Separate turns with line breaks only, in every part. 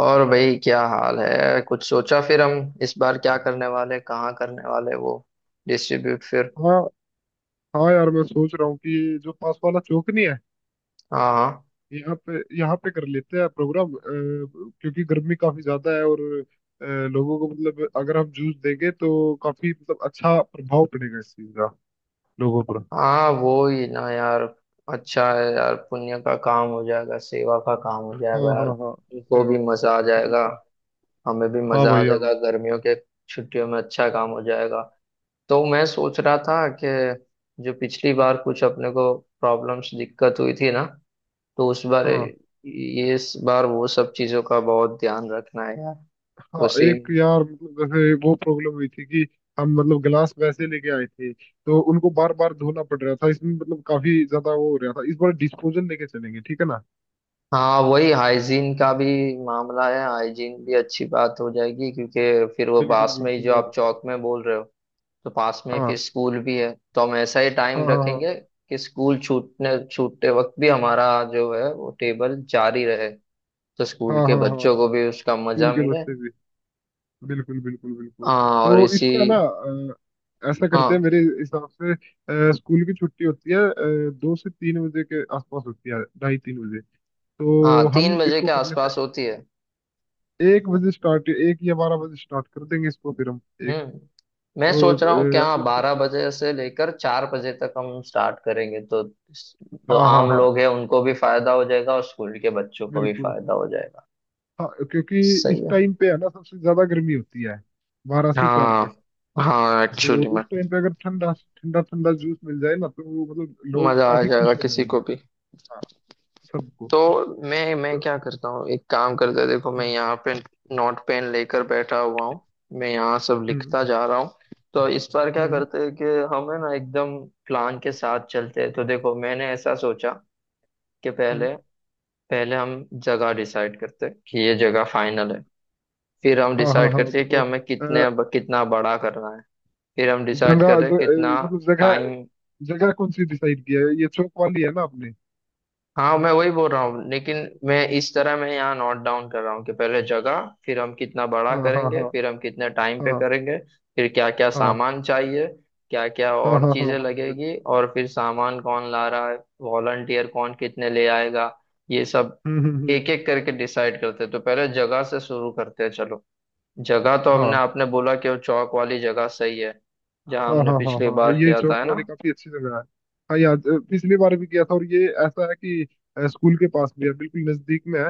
और भाई क्या हाल है? कुछ सोचा फिर हम इस बार क्या करने वाले, कहाँ करने वाले, वो डिस्ट्रीब्यूट फिर?
हाँ हाँ यार मैं सोच रहा हूँ कि ये जो पास वाला चौक नहीं है,
हाँ हाँ।
यहाँ पे कर लेते हैं प्रोग्राम। क्योंकि गर्मी काफी ज्यादा है। और लोगों को मतलब अगर हम जूस देंगे तो काफी मतलब अच्छा प्रभाव पड़ेगा इस चीज का लोगों पर।
हाँ वो ही ना यार। अच्छा है यार, पुण्य का काम हो जाएगा, सेवा का काम हो
हाँ
जाएगा यार,
हाँ हाँ।
उनको
सेवा।
भी मजा आ जाएगा।
बिल्कुल।
हमें भी
हाँ
मजा आ
भाई हाँ भाई।
जाएगा गर्मियों के छुट्टियों में, अच्छा काम हो जाएगा। तो मैं सोच रहा था कि जो पिछली बार कुछ अपने को प्रॉब्लम्स दिक्कत हुई थी ना, तो उस बार
हाँ
ये इस बार वो सब चीजों का बहुत ध्यान रखना है यार।
हाँ
उसी।
एक यार मतलब जैसे वो प्रॉब्लम हुई थी कि हम मतलब गिलास वैसे लेके आए थे तो उनको बार बार धोना पड़ रहा था, इसमें मतलब काफी ज्यादा वो हो रहा था। इस बार डिस्पोजल लेके चलेंगे, ठीक है ना।
हाँ वही हाइजीन का भी मामला है, हाइजीन भी अच्छी बात हो जाएगी, क्योंकि फिर वो
बिल्कुल
पास में ही
बिल्कुल
जो आप
यार।
चौक में बोल रहे हो, तो पास में ही फिर
हाँ
स्कूल भी है, तो हम ऐसा ही
हाँ
टाइम
हाँ
रखेंगे कि स्कूल छूटने छूटते वक्त भी हमारा जो है वो टेबल जारी रहे, तो
हाँ
स्कूल के
हाँ हाँ हाँ
बच्चों
हाँ हाँ।
को भी उसका मजा
स्कूल के
मिले।
बच्चे भी। बिल्कुल बिल्कुल बिल्कुल।
हाँ और
तो
इसी।
इसको है ना, ऐसा करते हैं
हाँ
मेरे हिसाब से। स्कूल की छुट्टी होती है 2 से 3 बजे के आसपास होती है, ढाई तीन बजे।
हाँ,
तो हम
3 बजे
इसको
के
कर
आसपास
लेते हैं,
होती है।
1 बजे स्टार्ट, 1 या 12 बजे स्टार्ट कर देंगे इसको फिर हम। एक
हम्म। मैं
दो,
सोच रहा हूँ कि हाँ,
ऐसे
बारह
चलेगा।
बजे से लेकर 4 बजे तक हम स्टार्ट करेंगे, तो जो
हाँ हाँ
आम
हाँ।
लोग हैं उनको भी फायदा हो जाएगा और स्कूल के बच्चों को भी
बिल्कुल।
फायदा हो जाएगा।
हाँ क्योंकि इस
सही है।
टाइम पे है ना सबसे ज्यादा गर्मी होती है, 12 से 4 तक।
हाँ हाँ,
और
एक्चुअली में
उस टाइम पे अगर ठंडा ठंडा ठंडा जूस मिल जाए ना तो वो मतलब लोग
मजा आ
काफी
जाएगा
खुश हो
किसी
जाएंगे।
को भी।
हाँ। सबको।
तो मैं
तो-
क्या करता हूँ, एक काम करते हैं, देखो मैं
हम्म
यहाँ पे नोट पेन लेकर बैठा हुआ हूँ, मैं यहाँ सब
हम्म
लिखता जा रहा हूँ। तो इस बार क्या
हम्म
करते हैं कि हम है ना, एकदम प्लान के साथ चलते हैं। तो देखो मैंने ऐसा सोचा कि पहले
हम्म।
पहले हम जगह डिसाइड करते हैं कि ये जगह फाइनल है, फिर हम
हाँ हाँ
डिसाइड
हाँ
करते हैं कि
बताओ।
हमें कितने,
अ,
कितना बड़ा करना है, फिर हम डिसाइड
जगह
करते हैं कितना
मतलब जगह
टाइम।
जगह कौन सी डिसाइड किया है? ये चौक वाली है ना आपने।
हाँ मैं वही बोल रहा हूँ, लेकिन मैं इस तरह मैं यहाँ नोट डाउन कर रहा हूँ कि पहले जगह, फिर हम कितना बड़ा
हाँ हाँ
करेंगे,
हाँ
फिर हम कितने टाइम पे
हाँ
करेंगे, फिर क्या क्या
हाँ
सामान चाहिए, क्या क्या
हाँ हाँ
और
हाँ हाँ
चीजें
हाँ बिल्कुल।
लगेगी, और फिर सामान कौन ला रहा है, वॉलंटियर कौन कितने ले आएगा, ये सब
हम्म।
एक एक करके डिसाइड करते हैं। तो पहले जगह से शुरू करते हैं, चलो। जगह तो हमने
हाँ
आपने बोला कि वो चौक वाली जगह सही है,
हाँ
जहाँ हमने
हाँ हाँ
पिछली
हाँ हाँ,
बार
ये
किया था,
चौक
है ना?
वाली काफी अच्छी जगह है। हाँ याद, पिछली बार भी गया था। और ये ऐसा है कि स्कूल के पास भी है, बिल्कुल नजदीक में है।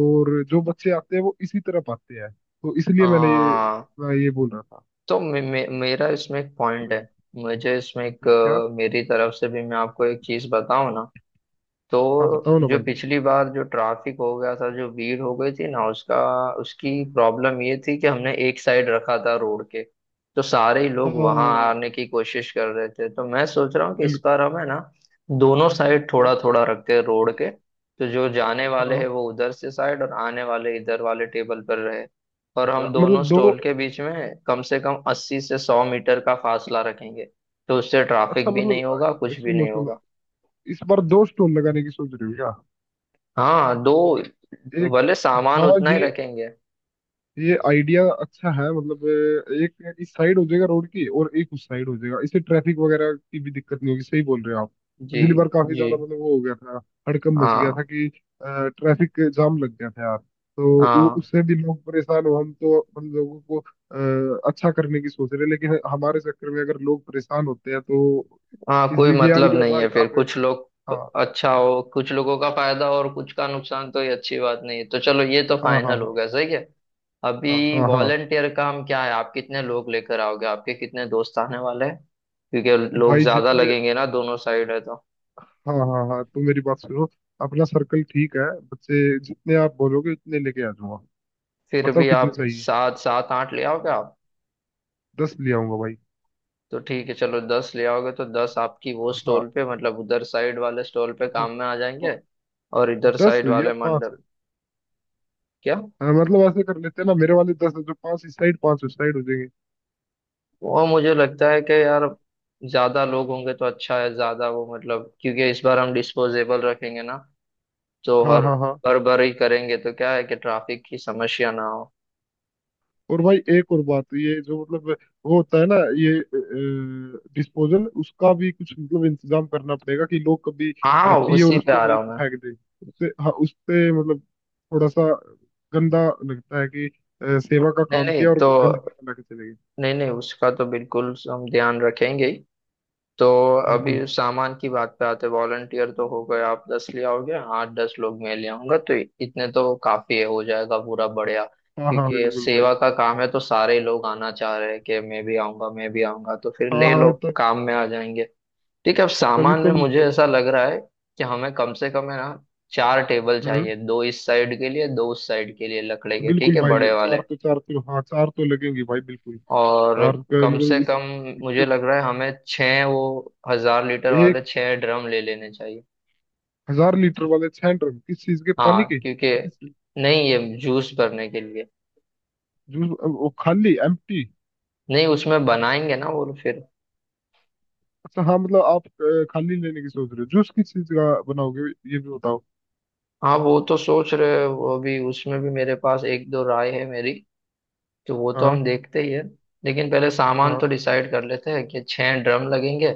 और जो बच्चे आते हैं वो इसी तरफ आते हैं, तो इसलिए
हाँ।
मैं ये बोल रहा था।
तो मे, मे, मेरा इसमें एक पॉइंट है,
हम्म,
मुझे इसमें एक
क्या।
मेरी तरफ से भी मैं आपको एक चीज बताऊं ना। तो
हाँ बताओ ना
जो
भाई।
पिछली बार जो ट्रैफिक हो गया था, जो भीड़ हो गई थी ना, उसका, उसकी
हम्म,
प्रॉब्लम ये थी कि हमने एक साइड रखा था रोड के, तो सारे ही
हाँ
लोग वहां आने की कोशिश कर रहे थे। तो मैं सोच रहा हूँ कि इस
बिल्कुल।
बार हमें ना दोनों साइड थोड़ा थोड़ा रखते हैं रोड के, तो जो जाने वाले हैं
हाँ,
वो उधर से साइड और आने वाले इधर वाले टेबल पर रहे, और हम दोनों
मतलब दो,
स्टॉल के बीच में कम से कम 80 से 100 मीटर का फासला रखेंगे, तो उससे
अच्छा
ट्रैफिक भी
मतलब।
नहीं होगा, कुछ भी
सुनो
नहीं
सुनो,
होगा।
इस बार दो स्टोन लगाने की सोच रही हो क्या?
हाँ, दो।
एक,
भले सामान
हाँ।
उतना ही
ये
रखेंगे।
ये आइडिया अच्छा है, मतलब एक इस साइड हो जाएगा रोड की और एक उस साइड हो जाएगा, इससे ट्रैफिक वगैरह की भी दिक्कत नहीं होगी। सही बोल रहे हो आप।
जी।
पिछली बार काफी
जी।
ज्यादा मतलब वो हो गया था, हड़कंप मच गया
हाँ
था कि ट्रैफिक जाम लग गया था यार। तो वो
हाँ
उससे भी लोग परेशान हो, हम तो हम लोगों को अच्छा करने की सोच रहे हैं, लेकिन हमारे चक्कर में अगर लोग परेशान होते हैं तो।
हाँ कोई
इसलिए ये
मतलब
आइडिया
नहीं
भाई
है फिर,
आपने।
कुछ लोग
हाँ
अच्छा हो, कुछ लोगों का फायदा हो और कुछ का नुकसान, तो ये अच्छी बात नहीं है। तो चलो, ये तो
हाँ हाँ
फाइनल
हाँ
हो गया सही है।
हाँ
अभी
हाँ। हाँ
वॉलेंटियर का हम क्या है, आप कितने लोग लेकर आओगे, आपके कितने दोस्त आने वाले हैं? क्योंकि लोग
भाई
ज्यादा
जितने।
लगेंगे ना, दोनों साइड है तो।
हाँ हाँ हाँ, तो मेरी बात सुनो। अपना सर्कल ठीक है, बच्चे। जितने आप बोलोगे उतने लेके आ जाऊंगा।
फिर
बताओ
भी
कितने
आप
चाहिए।
7, 7, 8 ले आओगे आप?
10 ले आऊंगा भाई।
तो ठीक है चलो, 10 ले आओगे तो 10 आपकी वो
हाँ हाँ।
स्टॉल पे मतलब उधर साइड वाले स्टॉल पे काम में आ
पा-
जाएंगे, और इधर
दस
साइड
या
वाले
पाँच।
मंडप। क्या?
हाँ, मतलब ऐसे कर लेते हैं ना, मेरे वाले 10 है, जो पाँच इस साइड पाँच उस साइड हो जाएंगे।
वो मुझे लगता है कि यार ज्यादा लोग होंगे तो अच्छा है, ज्यादा वो मतलब, क्योंकि इस बार हम डिस्पोजेबल रखेंगे ना, तो
हाँ
हर
हाँ हाँ।
बार बार ही करेंगे, तो क्या है कि ट्रैफिक की समस्या ना हो।
और भाई एक और बात, ये जो मतलब वो होता है ना, ये डिस्पोजल, उसका भी कुछ मतलब इंतजाम करना पड़ेगा कि लोग कभी
हाँ
पिए और
उसी पे
उसको
आ रहा
वहीं
हूँ
पे
मैं।
फेंक दें। उससे, हाँ, उससे मतलब थोड़ा सा गंदा लगता है कि सेवा का
नहीं
काम
नहीं
किया और
तो,
गंदगी फैला के चले गए।
नहीं नहीं, उसका तो बिल्कुल हम ध्यान रखेंगे ही। तो
हम्म।
अभी सामान की बात पे आते, वॉलंटियर तो हो गए, आप 10 ले आओगे, 8, 10 लोग मैं ले आऊंगा, तो इतने तो काफी है, हो जाएगा पूरा, बढ़िया।
हाँ हाँ
क्योंकि
बिल्कुल भाई।
सेवा का काम है तो सारे लोग आना चाह रहे हैं कि मैं भी आऊंगा, मैं भी आऊंगा, तो फिर
हाँ
ले
हाँ
लो,
तब
काम में आ जाएंगे। ठीक है, अब
तभी
सामान
तो
में
हम
मुझे ऐसा लग रहा है कि हमें कम से कम है ना, 4 टेबल
हम्म।
चाहिए, दो इस साइड के लिए दो उस साइड के लिए, लकड़े के ठीक
बिल्कुल
है,
भाई,
बड़े
चार
वाले।
तो, चार तो, हाँ, चार तो लगेंगे भाई बिल्कुल।
और
चार का
कम से
मतलब इस,
कम मुझे
क्योंकि
लग रहा है हमें छः, वो हजार लीटर वाले
एक
छः ड्रम ले लेने चाहिए।
हजार लीटर वाले 6 ड्रम? किस चीज के, पानी
हाँ
के?
क्योंकि, नहीं ये जूस भरने के लिए,
जूस, वो खाली, एम्प्टी।
नहीं उसमें बनाएंगे ना वो फिर।
अच्छा हाँ, मतलब आप खाली लेने की सोच रहे हो। जूस किस चीज का बनाओगे ये भी बताओ।
हाँ वो तो सोच रहे हैं, वो भी उसमें भी मेरे पास एक दो राय है मेरी, तो वो तो
हाँ
हम देखते ही है, लेकिन पहले सामान
हाँ।
तो डिसाइड कर लेते हैं कि 6 ड्रम लगेंगे,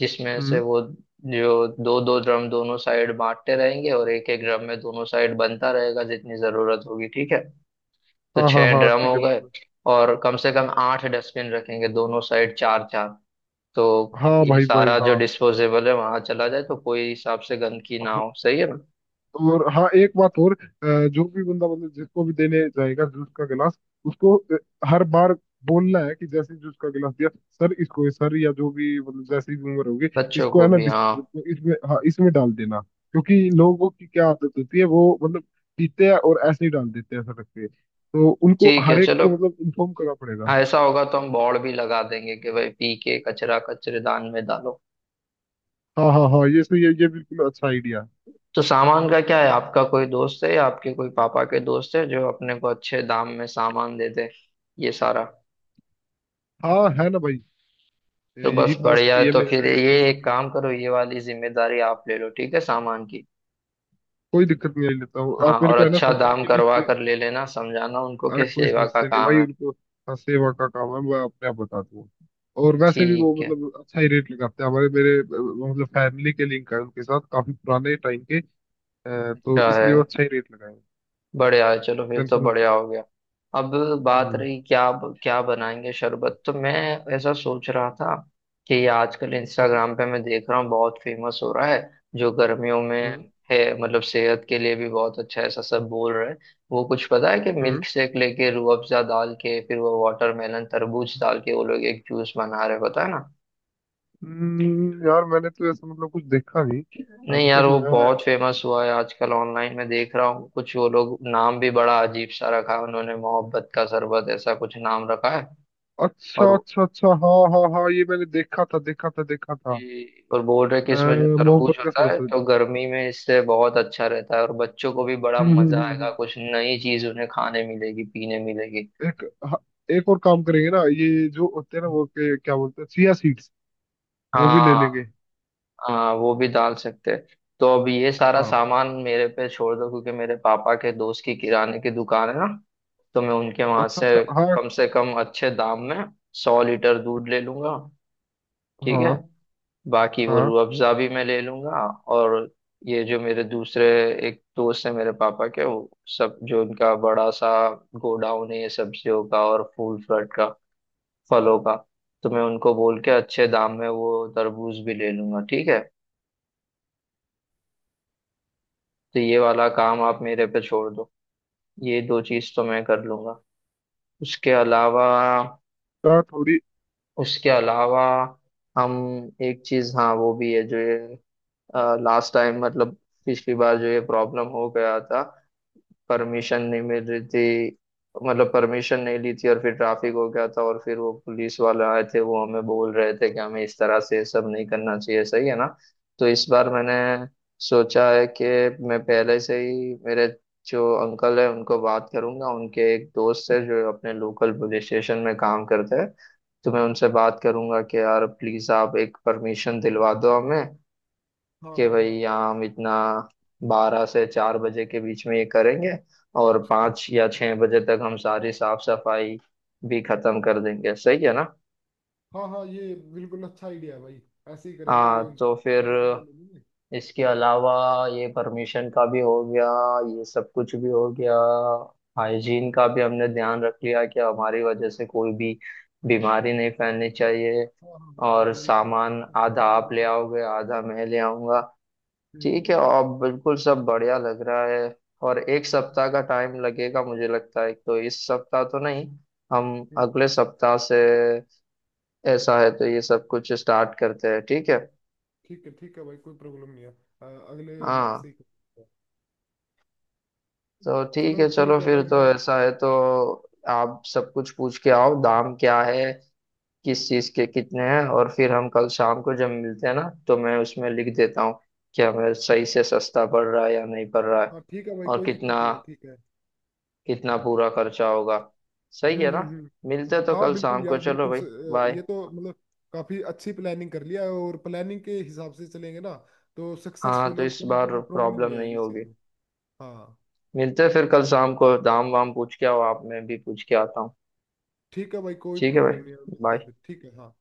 जिसमें से
हम्म।
वो जो दो दो ड्रम दोनों साइड बांटते रहेंगे, और एक एक ड्रम में दोनों साइड बनता रहेगा जितनी जरूरत होगी, ठीक है? तो
हाँ हाँ
छह
हाँ
ड्रम
ठीक
हो
है
गए।
बिल्कुल।
और कम से कम 8 डस्टबिन रखेंगे, दोनों साइड चार चार। तो
हाँ
ये
भाई भाई
सारा
हाँ।
जो डिस्पोजेबल है वहां चला जाए, तो कोई हिसाब से गंदगी ना हो, सही है ना?
और हाँ एक बात और, जो भी बंदा मतलब जिसको भी देने जाएगा जूस का गिलास, उसको हर बार बोलना है कि जैसे ही जूस का गिलास दिया, सर इसको, सर या जो भी मतलब जैसी भी उम्र होगी,
बच्चों
इसको
को
है ना
भी हाँ।
डिस्पोजल इसमें, हाँ, इसमें डाल देना। क्योंकि लोगों की क्या आदत होती है, वो मतलब पीते हैं और ऐसे ही डाल देते हैं सड़क पे, तो उनको
ठीक है
हर एक
चलो,
को मतलब इन्फॉर्म करना पड़ेगा।
ऐसा होगा तो हम बोर्ड भी लगा देंगे कि भाई पी के कचरा कचरेदान में डालो।
हाँ हाँ हाँ, ये सही है, ये बिल्कुल अच्छा आइडिया।
तो सामान का क्या है, आपका कोई दोस्त है या आपके कोई पापा के दोस्त है जो अपने को अच्छे दाम में सामान दे दे ये सारा?
हाँ है ना भाई।
तो बस
यही पास
बढ़िया
में ही
है,
है
तो
मेरे से,
फिर ये
एक दो
एक काम
किलोमीटर
करो, ये वाली जिम्मेदारी आप ले लो ठीक है, सामान की।
कोई दिक्कत नहीं, ले लेता हूँ।
हाँ
आप मेरे
और
को है ना
अच्छा
सामान
दाम
की
करवा
लिस्ट।
कर ले लेना, समझाना उनको
अरे
कि
कोई
सेवा का
समस्या नहीं
काम
भाई
है।
उनको। हाँ, सेवा का काम है, मैं अपने आप बता दूंगा। और वैसे भी वो
ठीक है,
मतलब अच्छा ही रेट लगाते हैं। हमारे मेरे मतलब फैमिली के लिंक है उनके साथ काफी पुराने टाइम के। तो
अच्छा है,
इसलिए वो अच्छा ही रेट लगाए हैं।
बढ़िया है, चलो फिर तो
टेंशन
बढ़िया
मतलब।
हो गया। अब बात
हम्म
रही क्या क्या बनाएंगे शरबत, तो मैं ऐसा सोच रहा था कि ये आजकल
हम्म
इंस्टाग्राम पे मैं देख रहा हूँ बहुत फेमस हो रहा है, जो गर्मियों
हम्म
में है मतलब सेहत के लिए भी बहुत अच्छा है, ऐसा सब बोल रहे हैं। वो कुछ पता है कि
हम्म।
मिल्क शेक लेके रूह अफ़ज़ा डाल के फिर वो वाटरमेलन तरबूज डाल के वो लोग एक जूस बना रहे हैं, पता है ना?
यार मैंने तो ऐसा मतलब कुछ देखा नहीं।
नहीं
अभी
यार,
तक
वो
मैं,
बहुत फेमस हुआ है आजकल, ऑनलाइन में देख रहा हूँ कुछ वो लोग, नाम भी बड़ा अजीब सा रखा है उन्होंने, मोहब्बत का शरबत ऐसा कुछ नाम रखा है।
अच्छा
और
अच्छा अच्छा, हाँ हाँ हाँ ये मैंने देखा था देखा था देखा था।
और बोल रहे कि
अ,
इसमें जो तरबूज
मोहब्बत का
होता है
सरफराज।
तो गर्मी में इससे बहुत अच्छा रहता है, और बच्चों को भी बड़ा
हम्म हम्म,
मजा
हम्म,
आएगा,
हम्म।
कुछ नई चीज उन्हें खाने मिलेगी, पीने मिलेगी।
एक, हाँ, एक और काम करेंगे ना। ये जो होते हैं ना, वो क्या बोलते हैं, चिया सीड्स। वो भी ले
हाँ।
लेंगे।
हाँ वो भी डाल सकते हैं। तो अब ये सारा
हाँ।
सामान मेरे पे छोड़ दो, क्योंकि मेरे पापा के दोस्त की किराने की दुकान है ना, तो मैं उनके वहां
अच्छा अच्छा। हाँ
से कम अच्छे दाम में 100 लीटर दूध ले लूंगा, ठीक है?
हाँ
बाकी वो
हाँ।
रूह अफ़ज़ा भी मैं ले लूंगा। और ये जो मेरे दूसरे एक दोस्त है मेरे पापा के, वो सब जो उनका बड़ा सा गोडाउन है ये सब्जियों का और फूल फ्रूट का, फलों का, तो मैं उनको बोल के अच्छे दाम में वो तरबूज भी ले लूंगा, ठीक है? तो ये वाला काम आप मेरे पे छोड़ दो, ये दो चीज तो मैं कर लूंगा। उसके अलावा
क्या थोड़ी।
उसके अलावा हम एक चीज, हाँ वो भी है जो ये लास्ट टाइम मतलब पिछली बार जो ये प्रॉब्लम हो गया था, परमिशन नहीं मिल रही थी, मतलब परमिशन नहीं ली थी, और फिर ट्रैफिक हो गया था और फिर वो पुलिस वाले आए थे वो हमें बोल रहे थे कि हमें इस तरह से ये सब नहीं करना चाहिए, सही है ना? तो इस बार मैंने सोचा है कि मैं पहले से ही मेरे जो अंकल है उनको बात करूंगा, उनके एक दोस्त है जो अपने लोकल पुलिस स्टेशन में काम करते हैं, तो मैं उनसे बात करूंगा कि यार प्लीज आप एक परमिशन दिलवा दो हमें
हाँ
कि
हाँ
भाई
हाँ
यहाँ हम इतना, 12 से 4 बजे के बीच में ये करेंगे, और
हाँ
5 या 6 बजे तक हम सारी साफ सफाई भी खत्म कर देंगे, सही है ना?
हाँ हाँ, ये बिल्कुल अच्छा आइडिया है भाई। ऐसे ही करेंगे
हाँ
उनसे,
तो फिर
वगैरह ले लेंगे।
इसके अलावा ये परमिशन का भी हो गया, ये सब कुछ भी हो गया, हाइजीन का भी हमने ध्यान रख लिया कि हमारी वजह से कोई भी बीमारी नहीं फैलनी चाहिए,
हाँ हाँ हाँ
और
यार, ये तो
सामान
सबसे
आधा
पहले
आप ले
देखेंगे।
आओगे आधा मैं ले आऊंगा।
हम्म
ठीक है, अब बिल्कुल सब बढ़िया लग रहा है। और एक
हम्म,
सप्ताह का टाइम लगेगा मुझे लगता है, तो इस सप्ताह तो नहीं, हम
हम्म,
अगले सप्ताह से ऐसा है तो ये सब कुछ स्टार्ट करते हैं, ठीक है?
ठीक है भाई कोई प्रॉब्लम नहीं है। अगले वीक
हाँ
से ही कर सकते हैं।
तो ठीक
चलो
है चलो,
ठीक है
फिर
भाई
तो
मैं।
ऐसा है तो आप सब कुछ पूछ के आओ दाम क्या है, किस चीज के कितने हैं, और फिर हम कल शाम को जब मिलते हैं ना, तो मैं उसमें लिख देता हूँ कि हमें सही से सस्ता पड़ रहा है या नहीं पड़ रहा है,
हाँ ठीक है भाई
और
कोई
कितना,
दिक्कत नहीं है ठीक है।
कितना पूरा खर्चा होगा, सही है ना?
हम्म।
मिलते तो
हाँ
कल
बिल्कुल
शाम को,
यार
चलो
बिल्कुल
भाई, बाय।
ये तो मतलब काफी अच्छी प्लानिंग कर लिया है, और प्लानिंग के हिसाब से चलेंगे ना तो
हाँ
सक्सेसफुल,
तो
और
इस
कोई
बार
मतलब प्रॉब्लम
प्रॉब्लम
नहीं
नहीं
आएगी इस
होगी।
चीज में। हाँ
मिलते फिर कल शाम को, दाम वाम पूछ के आओ आप, मैं भी पूछ के आता हूँ।
ठीक है भाई कोई
ठीक है
प्रॉब्लम नहीं है,
भाई,
मिलते हैं
बाय।
फिर ठीक है हाँ।